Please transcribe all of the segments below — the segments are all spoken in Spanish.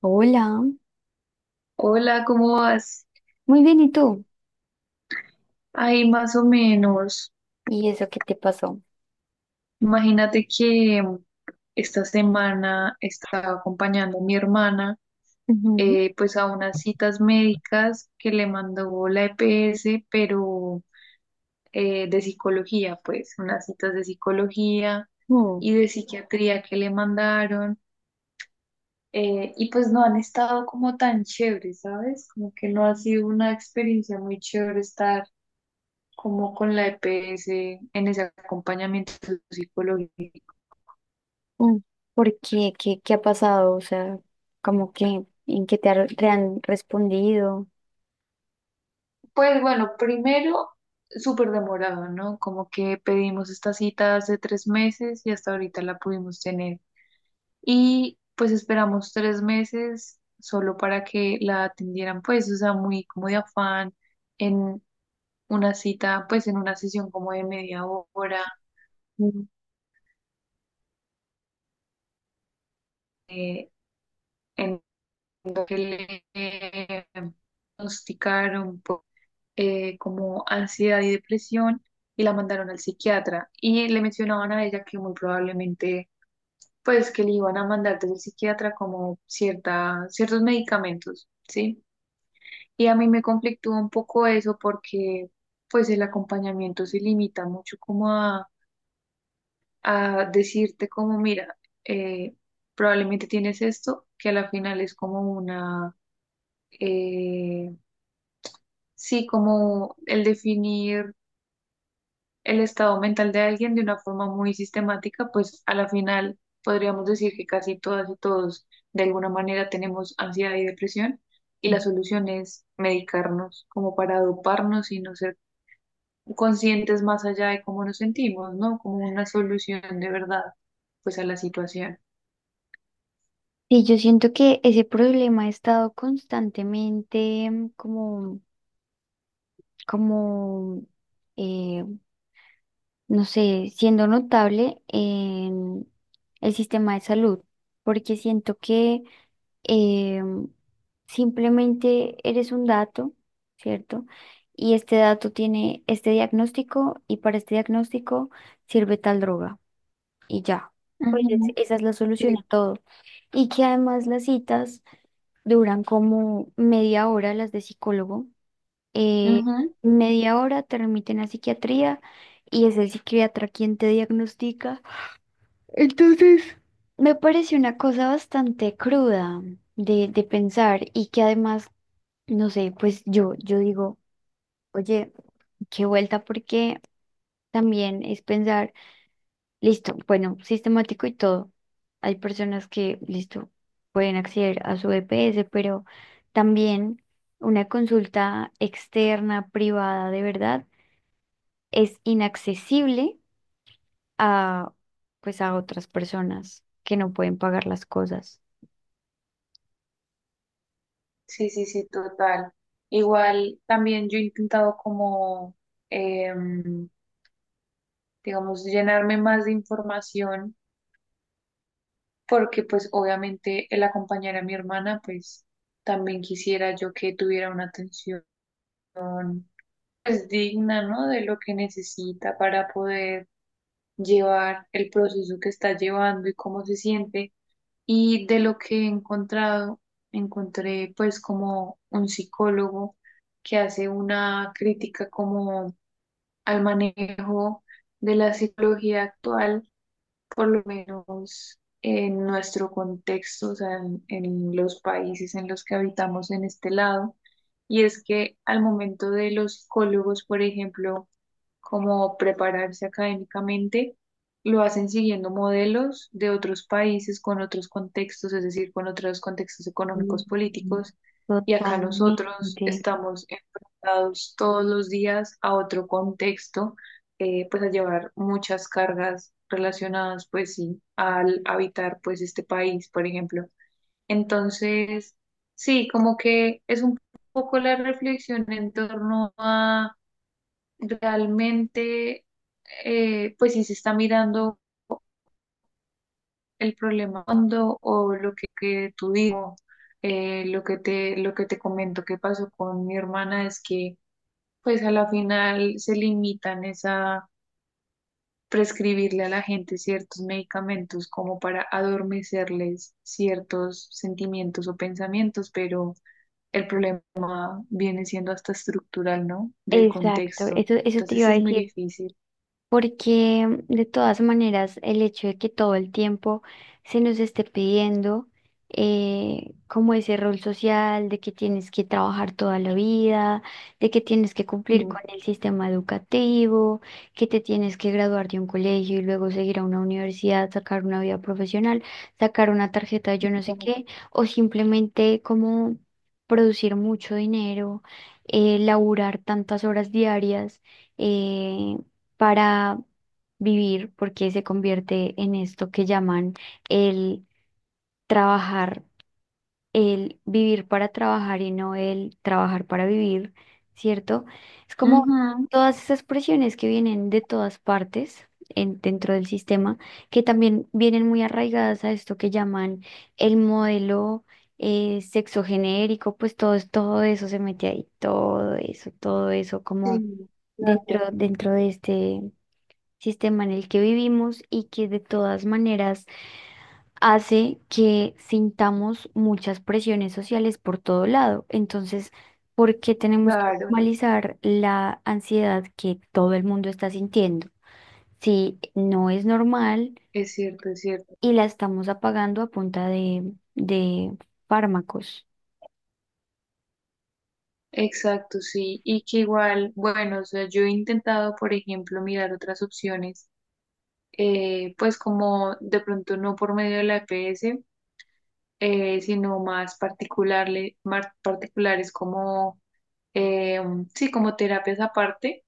Hola, Hola, ¿cómo vas? muy bien, ¿y tú? Ay, más o menos. ¿Y eso qué te pasó? Imagínate que esta semana estaba acompañando a mi hermana, Ujú. Pues a unas citas médicas que le mandó la EPS, pero de psicología, pues unas citas de psicología Mm, y de psiquiatría que le mandaron. Y pues no han estado como tan chéveres, ¿sabes? Como que no ha sido una experiencia muy chévere estar como con la EPS en ese acompañamiento psicológico. mm. ¿Por qué? ¿Qué ha pasado? O sea, como que, ¿en qué te han respondido? Pues bueno, primero, súper demorado, ¿no? Como que pedimos esta cita hace 3 meses y hasta ahorita la pudimos tener. Y pues esperamos 3 meses solo para que la atendieran, pues, o sea, muy como de afán en una cita, pues en una sesión como de media hora, Mm. eh, en lo que le diagnosticaron. Como ansiedad y depresión y la mandaron al psiquiatra y le mencionaban a ella que muy probablemente pues que le iban a mandar desde el psiquiatra como cierta, ciertos medicamentos, ¿sí? Y a mí me conflictúa un poco eso porque pues el acompañamiento se limita mucho como a decirte como mira, eh, probablemente tienes esto, que a la final es como una... eh, sí, como el definir el estado mental de alguien de una forma muy sistemática, pues a la final podríamos decir que casi todas y todos de alguna manera tenemos ansiedad y depresión y la solución es medicarnos como para doparnos y no ser conscientes más allá de cómo nos sentimos, ¿no? Como una solución de verdad, pues a la situación. Sí, yo siento que ese problema ha estado constantemente como, como eh, no sé, siendo notable en el sistema de salud, porque siento que eh, simplemente eres un dato, ¿cierto? Y este dato tiene este diagnóstico y para este diagnóstico sirve tal droga y ya. Pues Ujú, esa es la solución a sí, todo. Y que además las citas duran como media hora, las de psicólogo, eh, ujú. media hora te remiten a psiquiatría y es el psiquiatra quien te diagnostica. Entonces, me parece una cosa bastante cruda de pensar y que además, no sé, pues yo digo, oye, qué vuelta porque también es pensar, listo, bueno, sistemático y todo. Hay personas que, listo, pueden acceder a su EPS, pero también una consulta externa, privada, de verdad es inaccesible a, pues, a otras personas que no pueden pagar las cosas. Sí, sí, sí, total. Igual también yo he intentado como, em, digamos, llenarme más de información porque pues obviamente el acompañar a mi hermana, pues también quisiera yo que tuviera una atención pues digna, ¿no? De lo que necesita para poder llevar el proceso que está llevando y cómo se siente. Y de lo que he encontrado, encontré pues como un psicólogo que hace una crítica como al manejo de la psicología actual por lo menos en nuestro contexto, o sea, en los países en los que habitamos en este lado, y es que al momento de los psicólogos, por ejemplo, como prepararse académicamente, lo hacen siguiendo modelos de otros países con otros contextos, es decir, con otros contextos Mm. económicos, políticos, y acá Totalmente. nosotros estamos enfrentados todos los días a otro contexto, pues a llevar muchas cargas relacionadas, pues sí, al habitar pues este país, por ejemplo. Entonces, sí, como que es un poco la reflexión en torno a realmente, pues si se está mirando el problema hondo o lo que tú digo, lo que te comento que pasó con mi hermana es que, pues a la final se limitan es a prescribirle a la gente ciertos medicamentos como para adormecerles ciertos sentimientos o pensamientos, pero el problema viene siendo hasta estructural, ¿no? Del Exacto, contexto. eso te Entonces iba a es muy decir. difícil. Porque de todas maneras el hecho de que todo el tiempo se nos esté pidiendo como ese rol social de que tienes que trabajar toda la vida, de que tienes que cumplir Mm, con el sistema educativo, que te tienes que graduar de un colegio y luego seguir a una universidad, sacar una vida profesional, sacar una tarjeta de yo no sé qué, o simplemente como producir mucho dinero, laburar tantas horas diarias, eh, para vivir, porque se convierte en esto que llaman el trabajar, el vivir para trabajar y no el trabajar para vivir, ¿cierto? Es como ujú, todas esas presiones que vienen de todas partes dentro del sistema, que también vienen muy arraigadas a esto que llaman el modelo, sexo genérico, pues todo, todo eso se mete ahí, todo eso como sí, claro, dentro, de este sistema en el que vivimos y que de todas maneras hace que sintamos muchas presiones sociales por todo lado. Entonces, ¿por qué tenemos que claro, normalizar la ansiedad que todo el mundo está sintiendo? Si no es normal es cierto, es cierto. y la estamos apagando a punta de fármacos. Exacto, sí. Y que igual, bueno, o sea, yo he intentado, por ejemplo, mirar otras opciones, pues como de pronto no por medio de la EPS, sino más más particulares como, eh, sí, como terapias aparte,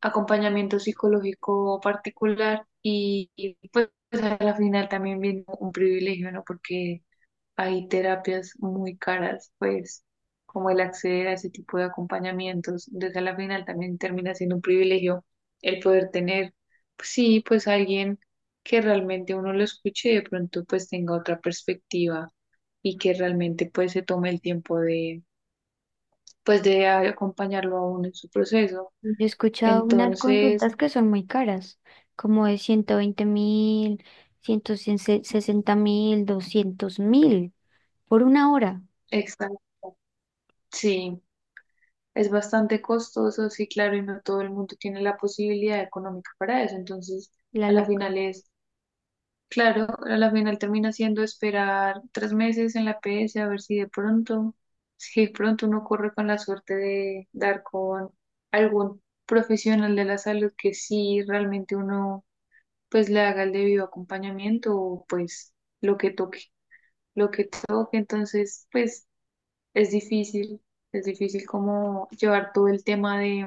acompañamiento psicológico particular pues a la final también viene un privilegio, ¿no? Porque hay terapias muy caras, pues como el acceder a ese tipo de acompañamientos, entonces a la final también termina siendo un privilegio el poder tener, pues, sí, pues alguien que realmente uno lo escuche y de pronto pues tenga otra perspectiva y que realmente pues se tome el tiempo de, pues de acompañarlo a uno en su proceso. Yo he escuchado unas Entonces, consultas que son muy caras, como de 120.000, 160.000, 200.000, por una hora. exacto, sí. Es bastante costoso, sí, claro, y no todo el mundo tiene la posibilidad económica para eso. Entonces, La a la final luca. es... Claro, a la final termina siendo esperar 3 meses en la PS a ver si de pronto, si de pronto uno corre con la suerte de dar con algún profesional de la salud que sí realmente uno pues le haga el debido acompañamiento o pues lo que toque, lo que toque, entonces pues es difícil, es difícil como llevar todo el tema de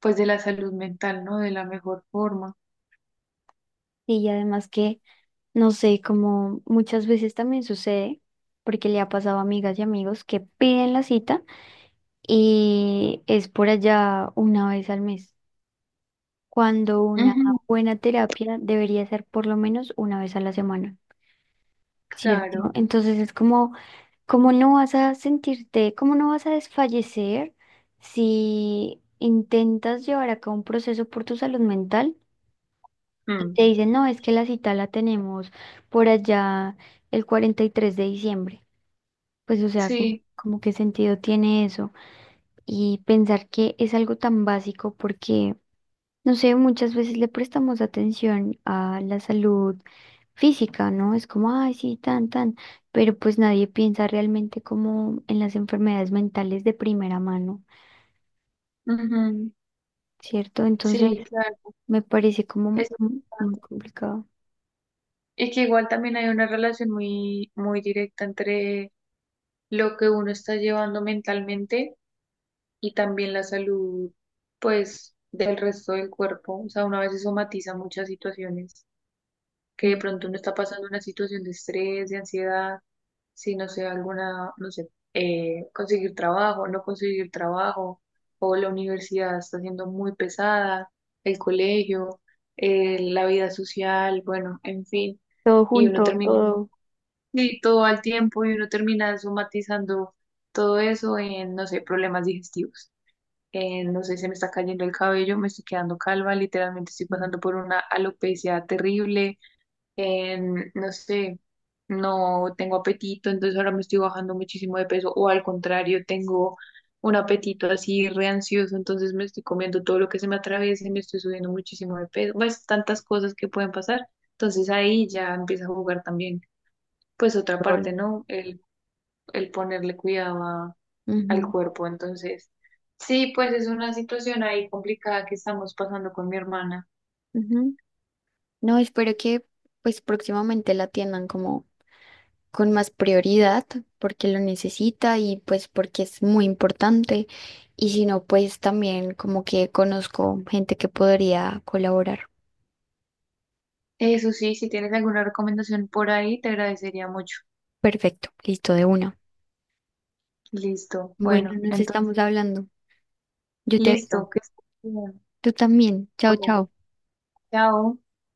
pues de la salud mental, ¿no? De la mejor forma. Y además que, no sé, como muchas veces también sucede, porque le ha pasado a amigas y amigos que piden la cita y es por allá una vez al mes, cuando una Ujú, buena terapia debería ser por lo menos una vez a la semana, ¿cierto? claro, Entonces es como, ¿cómo no vas a sentirte, cómo no vas a desfallecer si intentas llevar a cabo un proceso por tu salud mental? Y mm, te dicen, no, es que la cita la tenemos por allá el 43 de diciembre. Pues, o sea, como, sí. como qué sentido tiene eso. Y pensar que es algo tan básico porque, no sé, muchas veces le prestamos atención a la salud física, ¿no? Es como, ay, sí, tan, tan, pero pues nadie piensa realmente como en las enfermedades mentales de primera mano, Ujú. ¿cierto? Entonces, Sí, claro, me parece como eso es muy importante. complicado. Y que igual también hay una relación muy, muy directa entre lo que uno está llevando mentalmente y también la salud, pues, del resto del cuerpo. O sea, uno a veces somatiza muchas situaciones. Que de Mm. pronto uno está pasando una situación de estrés, de ansiedad, si no sé, alguna, no sé, conseguir trabajo, no conseguir trabajo, o la universidad está siendo muy pesada, el colegio, la vida social, bueno, en fin, Todo y uno junto, termina todo. y todo al tiempo y uno termina somatizando todo eso en, no sé, problemas digestivos. En, no sé, se me está cayendo el cabello, me estoy quedando calva, literalmente estoy pasando por una alopecia terrible. No sé, no tengo apetito, entonces ahora me estoy bajando muchísimo de peso, o al contrario, tengo un apetito así re ansioso, entonces me estoy comiendo todo lo que se me atraviesa y me estoy subiendo muchísimo de peso, pues tantas cosas que pueden pasar, entonces ahí ya empieza a jugar también, pues otra parte, ¿no? El ponerle cuidado al Ujú, cuerpo, entonces. Sí, pues es una situación ahí complicada que estamos pasando con mi hermana. ujú. No, espero que pues próximamente la atiendan como con más prioridad porque lo necesita y pues porque es muy importante. Y si no, pues también como que conozco gente que podría colaborar. Eso sí, si tienes alguna recomendación por ahí, te agradecería mucho. Perfecto, listo de una. Listo. Bueno, Bueno, nos entonces, estamos hablando. Yo te aviso. listo. Que estés bien. Tú también. Chao, Bueno, chao. chao.